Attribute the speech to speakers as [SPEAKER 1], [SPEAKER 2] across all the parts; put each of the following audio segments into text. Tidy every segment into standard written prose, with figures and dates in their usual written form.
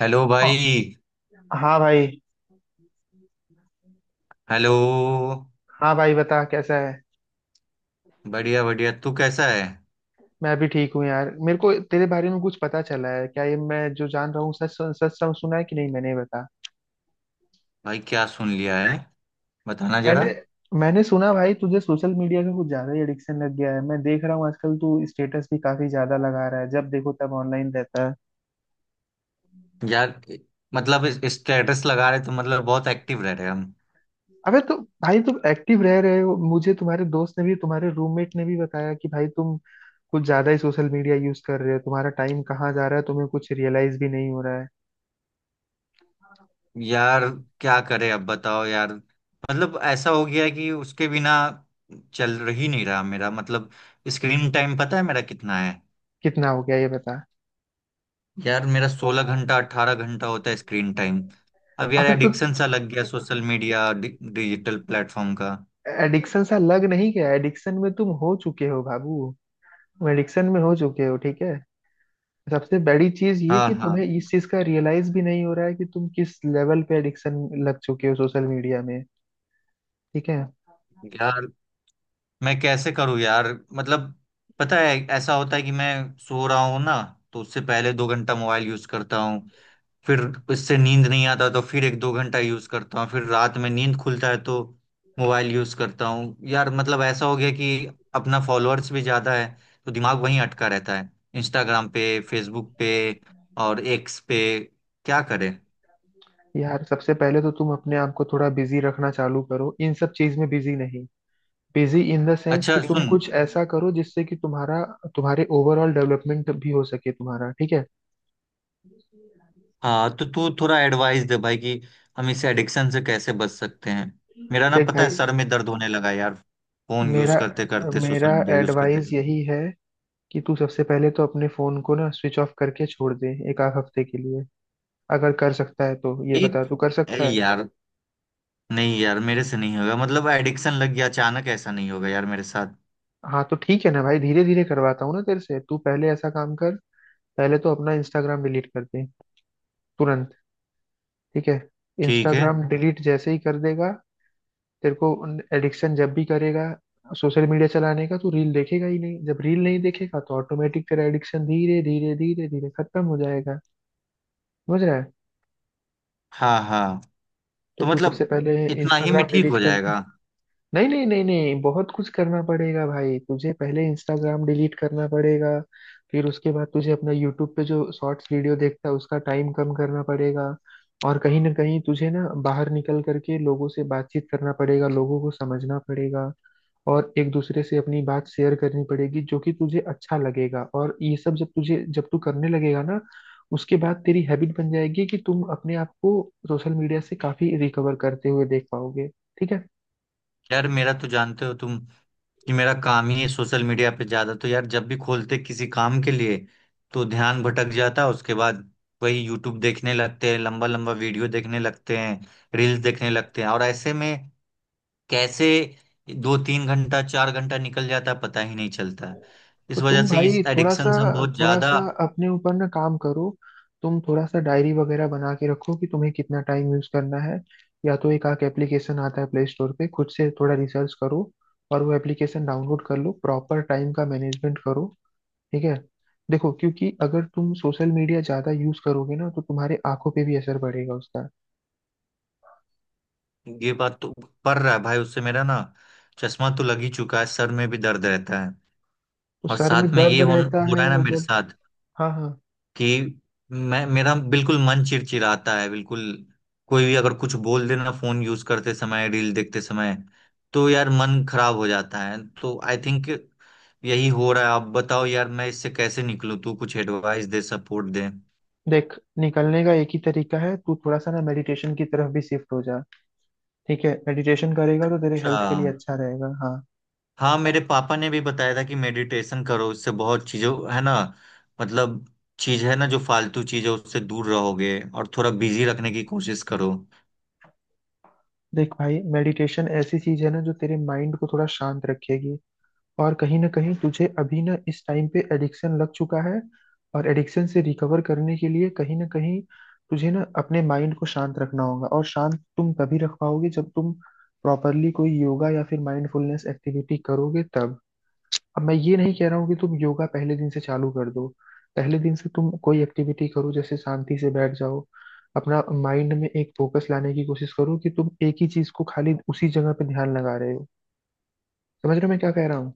[SPEAKER 1] Hello
[SPEAKER 2] हाँ
[SPEAKER 1] भाई।
[SPEAKER 2] हाँ भाई।
[SPEAKER 1] हेलो।
[SPEAKER 2] हाँ भाई बता कैसा है?
[SPEAKER 1] बढ़िया बढ़िया, तू कैसा है?
[SPEAKER 2] मैं भी ठीक हूँ यार। मेरे को तेरे बारे में कुछ पता चला है क्या? ये मैं जो जान रहा हूँ सच सच सब सुना है कि नहीं मैंने बता।
[SPEAKER 1] भाई क्या सुन लिया है, बताना जरा।
[SPEAKER 2] मैंने मैंने सुना भाई तुझे सोशल मीडिया का कुछ ज्यादा ही एडिक्शन लग गया है। मैं देख रहा हूँ आजकल तू स्टेटस भी काफी ज्यादा लगा रहा है, जब देखो तब ऑनलाइन रहता है।
[SPEAKER 1] यार मतलब स्टेटस लगा रहे तो मतलब बहुत एक्टिव रह रहे हम।
[SPEAKER 2] अबे तो भाई, तुम एक्टिव रह रहे हो। मुझे तुम्हारे दोस्त ने भी, तुम्हारे रूममेट ने भी बताया कि भाई तुम कुछ ज्यादा ही सोशल मीडिया यूज कर रहे हो। तुम्हारा टाइम कहाँ जा रहा है, तुम्हें कुछ रियलाइज भी नहीं हो रहा है।
[SPEAKER 1] यार क्या करें, अब बताओ यार। मतलब ऐसा हो गया है कि उसके बिना चल ही नहीं रहा मेरा, मतलब स्क्रीन टाइम पता है मेरा कितना है?
[SPEAKER 2] कितना हो गया ये बता।
[SPEAKER 1] यार मेरा 16 घंटा 18 घंटा होता है स्क्रीन टाइम। अब यार
[SPEAKER 2] अबे तो
[SPEAKER 1] एडिक्शन सा लग गया सोशल मीडिया डिजिटल प्लेटफॉर्म का।
[SPEAKER 2] एडिक्शन सा लग नहीं गया, एडिक्शन में तुम हो चुके हो बाबू। एडिक्शन में हो चुके हो। ठीक है। सबसे बड़ी चीज ये
[SPEAKER 1] हाँ
[SPEAKER 2] कि
[SPEAKER 1] हाँ।
[SPEAKER 2] तुम्हें इस चीज का रियलाइज भी नहीं हो रहा है कि तुम किस लेवल पे एडिक्शन लग चुके हो सोशल मीडिया में। ठीक है।
[SPEAKER 1] यार मैं कैसे करूँ यार? मतलब, पता है ऐसा होता है कि मैं सो रहा हूँ ना, तो उससे पहले 2 घंटा मोबाइल यूज करता हूँ। फिर उससे नींद नहीं आता तो फिर 1-2 घंटा यूज करता हूँ। फिर रात में नींद खुलता है तो मोबाइल यूज करता हूँ यार। मतलब ऐसा हो गया कि अपना फॉलोअर्स भी ज्यादा है, तो दिमाग वहीं अटका रहता है, इंस्टाग्राम पे, फेसबुक पे और एक्स पे। क्या करें?
[SPEAKER 2] यार सबसे पहले तो तुम अपने आप को थोड़ा बिजी रखना चालू करो। इन सब चीज में बिजी नहीं, बिजी इन द सेंस
[SPEAKER 1] अच्छा
[SPEAKER 2] कि तुम
[SPEAKER 1] सुन,
[SPEAKER 2] कुछ ऐसा करो जिससे कि तुम्हारा तुम्हारे ओवरऑल डेवलपमेंट भी हो सके तुम्हारा। ठीक है।
[SPEAKER 1] हाँ तो तू थोड़ा एडवाइस दे भाई कि हम इस एडिक्शन से कैसे बच सकते हैं? मेरा ना,
[SPEAKER 2] देख
[SPEAKER 1] पता है,
[SPEAKER 2] भाई,
[SPEAKER 1] सर में दर्द होने लगा यार, फोन यूज
[SPEAKER 2] मेरा
[SPEAKER 1] करते करते,
[SPEAKER 2] मेरा
[SPEAKER 1] सोशल मीडिया यूज करते
[SPEAKER 2] एडवाइस
[SPEAKER 1] करते।
[SPEAKER 2] यही है कि तू सबसे पहले तो अपने फोन को ना स्विच ऑफ करके छोड़ दे एक आध हफ्ते के लिए। अगर कर सकता है तो ये बता,
[SPEAKER 1] एक
[SPEAKER 2] तू कर
[SPEAKER 1] ए
[SPEAKER 2] सकता है?
[SPEAKER 1] यार, नहीं यार, मेरे से नहीं होगा। मतलब एडिक्शन लग गया, अचानक ऐसा नहीं होगा यार मेरे साथ।
[SPEAKER 2] हाँ तो ठीक है ना भाई, धीरे धीरे करवाता हूँ ना तेरे से। तू पहले ऐसा काम कर, पहले तो अपना इंस्टाग्राम डिलीट कर दे। तुरंत। ठीक है।
[SPEAKER 1] ठीक है।
[SPEAKER 2] इंस्टाग्राम डिलीट जैसे ही कर देगा, तेरे को एडिक्शन जब भी करेगा सोशल मीडिया चलाने का, तू रील देखेगा ही नहीं। जब रील नहीं देखेगा तो ऑटोमेटिक तेरा एडिक्शन धीरे धीरे धीरे धीरे खत्म हो जाएगा। समझ रहा है?
[SPEAKER 1] हाँ हाँ, तो
[SPEAKER 2] तो तू सबसे
[SPEAKER 1] मतलब
[SPEAKER 2] पहले
[SPEAKER 1] इतना ही में
[SPEAKER 2] इंस्टाग्राम
[SPEAKER 1] ठीक
[SPEAKER 2] डिलीट
[SPEAKER 1] हो
[SPEAKER 2] कर दे।
[SPEAKER 1] जाएगा?
[SPEAKER 2] नहीं नहीं नहीं नहीं, बहुत कुछ करना पड़ेगा भाई तुझे। पहले इंस्टाग्राम डिलीट करना पड़ेगा। फिर उसके बाद तुझे अपना यूट्यूब पे जो शॉर्ट्स वीडियो देखता है उसका टाइम कम करना पड़ेगा। और कहीं ना कहीं तुझे ना बाहर निकल करके लोगों से बातचीत करना पड़ेगा, लोगों को समझना पड़ेगा। और एक दूसरे से अपनी बात शेयर करनी पड़ेगी जो कि तुझे अच्छा लगेगा। और ये सब जब तू करने लगेगा ना, उसके बाद तेरी हैबिट बन जाएगी कि तुम अपने आप को सोशल मीडिया से काफी रिकवर करते हुए देख पाओगे। ठीक है।
[SPEAKER 1] यार मेरा तो जानते हो तुम कि मेरा काम ही है सोशल मीडिया पे ज्यादा, तो यार जब भी खोलते किसी काम के लिए, तो ध्यान भटक जाता है। उसके बाद वही यूट्यूब देखने लगते हैं, लंबा लंबा वीडियो देखने लगते हैं, रील्स देखने लगते हैं। और ऐसे में कैसे 2-3 घंटा 4 घंटा निकल जाता है पता ही नहीं चलता है।
[SPEAKER 2] तो
[SPEAKER 1] इस
[SPEAKER 2] तुम
[SPEAKER 1] वजह से इस
[SPEAKER 2] भाई थोड़ा सा,
[SPEAKER 1] एडिक्शन से हम बहुत
[SPEAKER 2] थोड़ा
[SPEAKER 1] ज्यादा,
[SPEAKER 2] सा अपने ऊपर ना काम करो। तुम थोड़ा सा डायरी वगैरह बना के रखो कि तुम्हें कितना टाइम यूज करना है। या तो एक आक एप्लीकेशन आता है प्ले स्टोर पे, खुद से थोड़ा रिसर्च करो और वो एप्लीकेशन डाउनलोड कर लो। प्रॉपर टाइम का मैनेजमेंट करो। ठीक है। देखो क्योंकि अगर तुम सोशल मीडिया ज्यादा यूज करोगे ना तो तुम्हारे आंखों पे भी असर पड़ेगा उसका।
[SPEAKER 1] ये बात तो, पड़ रहा है भाई, उससे मेरा ना चश्मा तो लग ही चुका है, सर में भी दर्द रहता है।
[SPEAKER 2] तो
[SPEAKER 1] और
[SPEAKER 2] सर में
[SPEAKER 1] साथ में
[SPEAKER 2] दर्द
[SPEAKER 1] ये हो,
[SPEAKER 2] रहता
[SPEAKER 1] हो रहा है
[SPEAKER 2] है
[SPEAKER 1] ना मेरे
[SPEAKER 2] जब।
[SPEAKER 1] साथ
[SPEAKER 2] हाँ हाँ।
[SPEAKER 1] कि मैं, मेरा बिल्कुल मन चिड़चिड़ाता है, बिल्कुल। कोई भी अगर कुछ बोल देना फोन यूज करते समय, रील देखते समय, तो यार मन खराब हो जाता है। तो आई थिंक यही हो रहा है। आप बताओ यार, मैं इससे कैसे निकलूं? तू कुछ एडवाइस दे, सपोर्ट दे।
[SPEAKER 2] देख निकलने का एक ही तरीका है, तू थोड़ा सा ना मेडिटेशन की तरफ भी शिफ्ट हो जा। ठीक है। मेडिटेशन करेगा तो तेरे
[SPEAKER 1] अच्छा।
[SPEAKER 2] हेल्थ के लिए अच्छा रहेगा। हाँ।
[SPEAKER 1] हाँ, मेरे पापा ने भी बताया था कि मेडिटेशन करो, उससे बहुत चीजों है ना, मतलब चीज है ना, जो फालतू चीज है उससे दूर रहोगे और थोड़ा बिजी रखने की कोशिश करो।
[SPEAKER 2] देख भाई मेडिटेशन ऐसी चीज है ना जो तेरे माइंड को थोड़ा शांत रखेगी। और कहीं ना कहीं तुझे अभी ना इस टाइम पे एडिक्शन लग चुका है। और एडिक्शन से रिकवर करने के लिए कहीं ना कहीं तुझे ना अपने माइंड को शांत रखना होगा। और शांत तुम तभी रख पाओगे जब तुम प्रॉपरली कोई योगा या फिर माइंडफुलनेस एक्टिविटी करोगे तब। अब मैं ये नहीं कह रहा हूँ कि तुम योगा पहले दिन से चालू कर दो। पहले दिन से तुम कोई एक्टिविटी करो, जैसे शांति से बैठ जाओ। अपना माइंड में एक फोकस लाने की कोशिश करो कि तुम एक ही चीज को खाली उसी जगह पे ध्यान लगा रहे हो। समझ रहे हो मैं क्या कह रहा हूँ?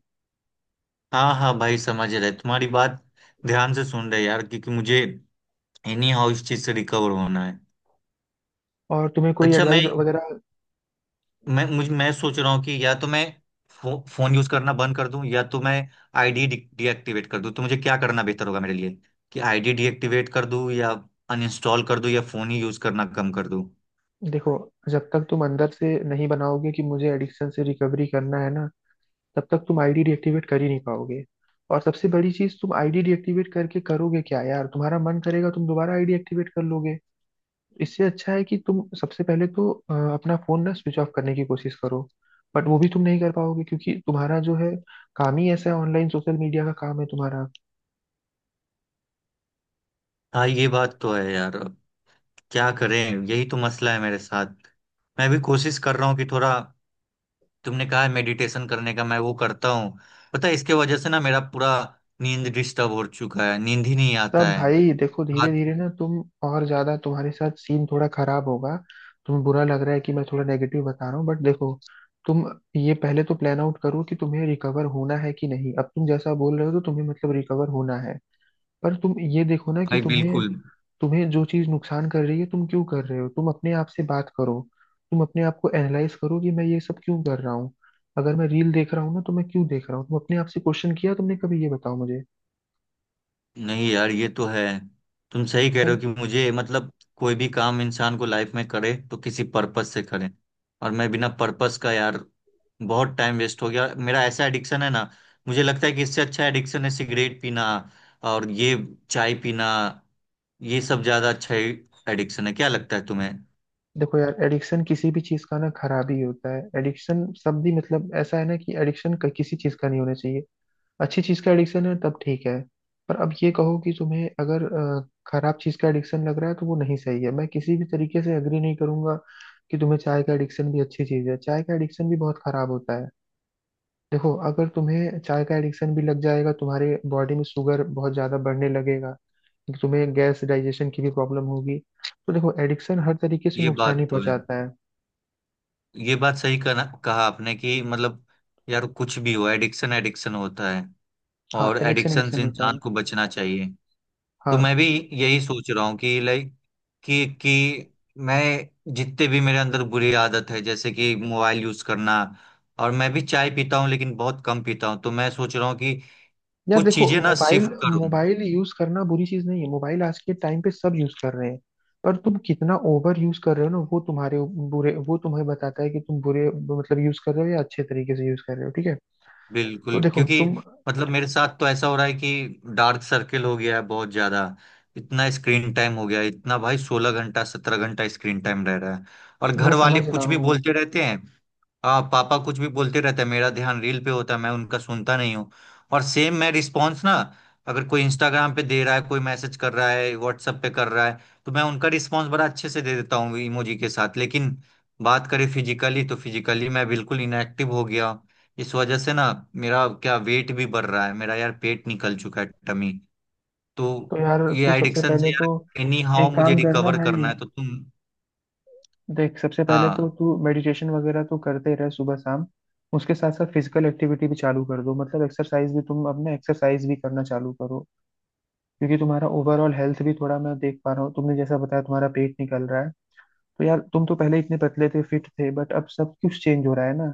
[SPEAKER 1] हाँ हाँ भाई, समझ रहे तुम्हारी बात, ध्यान से सुन रहे यार, क्योंकि मुझे एनी हाउ इस चीज से रिकवर होना है।
[SPEAKER 2] और तुम्हें कोई
[SPEAKER 1] अच्छा, मैं
[SPEAKER 2] एडवाइस वगैरह।
[SPEAKER 1] मैं मुझे मैं सोच रहा हूँ कि या तो मैं फोन यूज करना बंद कर दूं, या तो मैं आईडी डीएक्टिवेट कर दूं। तो मुझे क्या करना बेहतर होगा मेरे लिए, कि आईडी डीएक्टिवेट कर दूं, या अनइंस्टॉल कर दूं, या फोन ही यूज करना कम कर दूं?
[SPEAKER 2] देखो, जब तक तुम अंदर से नहीं बनाओगे कि मुझे एडिक्शन से रिकवरी करना है ना, तब तक तुम आईडी डिएक्टिवेट कर ही नहीं पाओगे। और सबसे बड़ी चीज, तुम आईडी डिएक्टिवेट करके करोगे क्या यार? तुम्हारा मन करेगा तुम दोबारा आईडी एक्टिवेट कर लोगे। इससे अच्छा है कि तुम सबसे पहले तो अपना फोन ना स्विच ऑफ करने की कोशिश करो। बट वो भी तुम नहीं कर पाओगे क्योंकि तुम्हारा जो है काम ही ऐसा है, ऑनलाइन सोशल मीडिया का काम है तुम्हारा।
[SPEAKER 1] हाँ, ये बात तो है यार। अब क्या करें? यही तो मसला है मेरे साथ। मैं भी कोशिश कर रहा हूँ कि थोड़ा, तुमने कहा है मेडिटेशन करने का, मैं वो करता हूँ। पता है, इसके वजह से ना मेरा पूरा नींद डिस्टर्ब हो चुका है, नींद ही नहीं आता
[SPEAKER 2] सब
[SPEAKER 1] है
[SPEAKER 2] भाई देखो, धीरे
[SPEAKER 1] रात।
[SPEAKER 2] धीरे ना तुम और ज्यादा, तुम्हारे साथ सीन थोड़ा खराब होगा। तुम्हें बुरा लग रहा है कि मैं थोड़ा नेगेटिव बता रहा हूँ बट देखो, तुम ये पहले तो प्लान आउट करो कि तुम्हें रिकवर होना है कि नहीं। अब तुम जैसा बोल रहे हो तो तुम्हें मतलब रिकवर होना है। पर तुम ये देखो ना कि
[SPEAKER 1] भाई
[SPEAKER 2] तुम्हें
[SPEAKER 1] बिल्कुल,
[SPEAKER 2] तुम्हें जो चीज नुकसान कर रही है तुम क्यों कर रहे हो। तुम अपने आप से बात करो, तुम अपने आप को एनालाइज करो कि मैं ये सब क्यों कर रहा हूँ। अगर मैं रील देख रहा हूँ ना तो मैं क्यों देख रहा हूँ? तुम अपने आप से क्वेश्चन किया तुमने कभी? ये बताओ मुझे।
[SPEAKER 1] नहीं यार ये तो है, तुम सही कह रहे
[SPEAKER 2] अब
[SPEAKER 1] हो कि मुझे, मतलब कोई भी काम इंसान को लाइफ में करे तो किसी पर्पस से करे। और मैं बिना पर्पस का यार बहुत टाइम वेस्ट हो गया मेरा, ऐसा एडिक्शन है ना। मुझे लगता है कि इससे अच्छा एडिक्शन है सिगरेट पीना, और ये चाय पीना, ये सब ज्यादा अच्छा एडिक्शन है, क्या लगता है तुम्हें?
[SPEAKER 2] देखो यार, एडिक्शन किसी भी चीज का ना खराबी होता है। एडिक्शन शब्द ही मतलब ऐसा है ना, कि एडिक्शन किसी चीज का नहीं होना चाहिए। अच्छी चीज का एडिक्शन है तब ठीक है। पर अब ये कहो कि तुम्हें अगर खराब चीज का एडिक्शन लग रहा है तो वो नहीं सही है। मैं किसी भी तरीके से एग्री नहीं करूंगा कि तुम्हें चाय का एडिक्शन भी अच्छी चीज है। चाय का एडिक्शन भी बहुत खराब होता है। देखो, अगर तुम्हें चाय का एडिक्शन भी लग जाएगा, तुम्हारे बॉडी में शुगर बहुत ज्यादा बढ़ने लगेगा। तो तुम्हें गैस डाइजेशन की भी प्रॉब्लम होगी। तो देखो एडिक्शन हर तरीके से
[SPEAKER 1] ये
[SPEAKER 2] नुकसान
[SPEAKER 1] बात
[SPEAKER 2] ही
[SPEAKER 1] तो है,
[SPEAKER 2] पहुंचाता है।
[SPEAKER 1] ये बात सही कहा कहा आपने कि मतलब यार कुछ भी हो, एडिक्शन एडिक्शन होता है,
[SPEAKER 2] हाँ
[SPEAKER 1] और
[SPEAKER 2] एडिक्शन
[SPEAKER 1] एडिक्शन से
[SPEAKER 2] एडिक्शन होता
[SPEAKER 1] इंसान
[SPEAKER 2] है।
[SPEAKER 1] को बचना चाहिए। तो मैं
[SPEAKER 2] हाँ।
[SPEAKER 1] भी यही सोच रहा हूँ कि लाइक, कि मैं जितने भी मेरे अंदर बुरी आदत है, जैसे कि मोबाइल यूज करना, और मैं भी चाय पीता हूँ लेकिन बहुत कम पीता हूँ, तो मैं सोच रहा हूँ कि
[SPEAKER 2] यार
[SPEAKER 1] कुछ
[SPEAKER 2] देखो
[SPEAKER 1] चीजें ना
[SPEAKER 2] मोबाइल,
[SPEAKER 1] शिफ्ट करूँ।
[SPEAKER 2] मोबाइल यूज करना बुरी चीज नहीं है। मोबाइल आज के टाइम पे सब यूज कर रहे हैं। पर तुम कितना ओवर यूज कर रहे हो ना, वो तुम्हारे बुरे, वो तुम्हें बताता है कि तुम बुरे मतलब यूज कर रहे हो या अच्छे तरीके से यूज कर रहे हो। ठीक है। तो
[SPEAKER 1] बिल्कुल,
[SPEAKER 2] देखो
[SPEAKER 1] क्योंकि
[SPEAKER 2] तुम।
[SPEAKER 1] मतलब मेरे साथ तो ऐसा हो रहा है कि डार्क सर्किल हो गया है बहुत ज्यादा। इतना स्क्रीन टाइम हो गया है, इतना भाई, 16 घंटा 17 घंटा स्क्रीन टाइम रह रहा है, और
[SPEAKER 2] मैं
[SPEAKER 1] घर वाले
[SPEAKER 2] समझ रहा
[SPEAKER 1] कुछ भी
[SPEAKER 2] हूँ।
[SPEAKER 1] बोलते रहते हैं। हाँ, पापा कुछ भी बोलते रहते हैं, मेरा ध्यान रील पे होता है, मैं उनका सुनता नहीं हूँ। और सेम मैं रिस्पॉन्स ना, अगर कोई इंस्टाग्राम पे दे रहा है, कोई मैसेज कर रहा है व्हाट्सएप पे कर रहा है, तो मैं उनका रिस्पॉन्स बड़ा अच्छे से दे देता हूँ इमोजी के साथ। लेकिन बात करें फिजिकली, तो फिजिकली मैं बिल्कुल इनएक्टिव हो गया। इस वजह से ना मेरा क्या वेट भी बढ़ रहा है, मेरा यार पेट निकल चुका है, टमी। तो
[SPEAKER 2] तो यार
[SPEAKER 1] ये
[SPEAKER 2] तू सबसे
[SPEAKER 1] एडिक्शन से
[SPEAKER 2] पहले तो
[SPEAKER 1] यार एनी हाउ
[SPEAKER 2] एक
[SPEAKER 1] मुझे
[SPEAKER 2] काम करना
[SPEAKER 1] रिकवर
[SPEAKER 2] भाई।
[SPEAKER 1] करना है, तो तुम।
[SPEAKER 2] देख सबसे पहले तो
[SPEAKER 1] हाँ
[SPEAKER 2] तू मेडिटेशन वगैरह तो करते रहे सुबह शाम। उसके साथ साथ फिजिकल एक्टिविटी भी चालू कर दो, मतलब एक्सरसाइज भी, तुम अपने एक्सरसाइज भी करना चालू करो। क्योंकि तुम्हारा ओवरऑल हेल्थ भी थोड़ा मैं देख पा रहा हूँ, तुमने जैसा बताया तुम्हारा पेट निकल रहा है। तो यार तुम तो पहले इतने पतले थे, फिट थे, बट अब सब कुछ चेंज हो रहा है ना।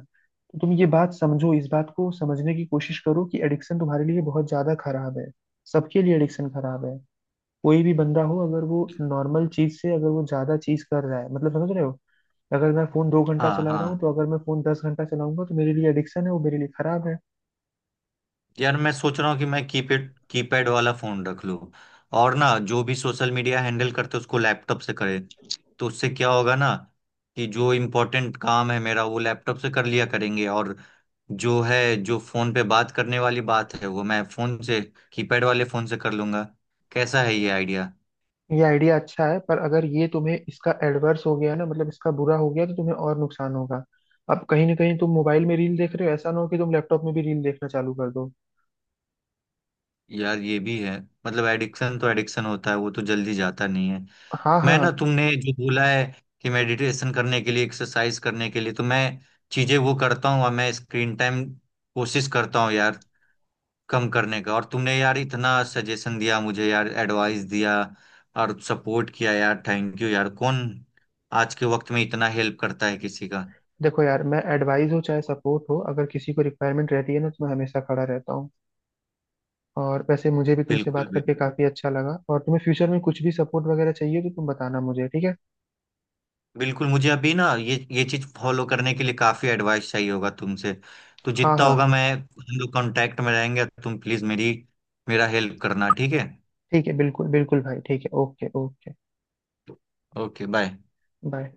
[SPEAKER 2] तो तुम ये बात समझो, इस बात को समझने की कोशिश करो कि एडिक्शन तुम्हारे लिए बहुत ज्यादा खराब है। सबके लिए एडिक्शन खराब है। कोई भी बंदा हो, अगर वो नॉर्मल चीज से अगर वो ज्यादा चीज कर रहा है, मतलब समझ रहे हो? अगर मैं फोन 2 घंटा
[SPEAKER 1] हाँ
[SPEAKER 2] चला रहा हूँ,
[SPEAKER 1] हाँ।
[SPEAKER 2] तो अगर मैं फोन 10 घंटा चलाऊंगा तो मेरे लिए एडिक्शन है, वो मेरे लिए खराब है।
[SPEAKER 1] यार मैं सोच रहा हूँ कि मैं कीपैड कीपैड वाला फोन रख लूँ, और ना जो भी सोशल मीडिया हैंडल करते उसको लैपटॉप से करे। तो उससे क्या होगा ना, कि जो इम्पोर्टेंट काम है मेरा वो लैपटॉप से कर लिया करेंगे, और जो है जो फोन पे बात करने वाली बात है वो मैं फोन से, कीपैड वाले फोन से कर लूंगा। कैसा है ये आइडिया?
[SPEAKER 2] ये आइडिया अच्छा है पर अगर ये तुम्हें इसका एडवर्स हो गया ना, मतलब इसका बुरा हो गया, तो तुम्हें और नुकसान होगा। अब कहीं ना कहीं तुम मोबाइल में रील देख रहे हो, ऐसा ना हो कि तुम लैपटॉप में भी रील देखना चालू कर दो।
[SPEAKER 1] यार ये भी है, मतलब एडिक्शन तो एडिक्शन होता है, वो तो जल्दी जाता नहीं है।
[SPEAKER 2] हाँ
[SPEAKER 1] मैं ना,
[SPEAKER 2] हाँ।
[SPEAKER 1] तुमने जो बोला है कि मेडिटेशन करने के लिए, एक्सरसाइज करने के लिए, तो मैं चीजें वो करता हूँ, और मैं स्क्रीन टाइम कोशिश करता हूँ यार कम करने का। और तुमने यार इतना सजेशन दिया मुझे यार, एडवाइस दिया और सपोर्ट किया यार, थैंक यू यार। कौन आज के वक्त में इतना हेल्प करता है किसी का?
[SPEAKER 2] देखो यार, मैं एडवाइस हो चाहे सपोर्ट हो, अगर किसी को रिक्वायरमेंट रहती है ना तो मैं हमेशा खड़ा रहता हूँ। और वैसे मुझे भी तुमसे
[SPEAKER 1] बिल्कुल
[SPEAKER 2] बात
[SPEAKER 1] भी,
[SPEAKER 2] करके काफी अच्छा लगा। और तुम्हें फ्यूचर में कुछ भी सपोर्ट वगैरह चाहिए तो तुम बताना मुझे। ठीक है।
[SPEAKER 1] बिल्कुल मुझे अभी ना ये चीज फॉलो करने के लिए काफी एडवाइस चाहिए होगा तुमसे, तो
[SPEAKER 2] हाँ
[SPEAKER 1] जितना
[SPEAKER 2] हाँ
[SPEAKER 1] होगा, मैं, हम लोग कांटेक्ट में रहेंगे, तुम प्लीज मेरी, मेरा हेल्प करना, ठीक है?
[SPEAKER 2] ठीक है, बिल्कुल बिल्कुल भाई। ठीक है। Okay, okay.
[SPEAKER 1] Okay bye.
[SPEAKER 2] Bye.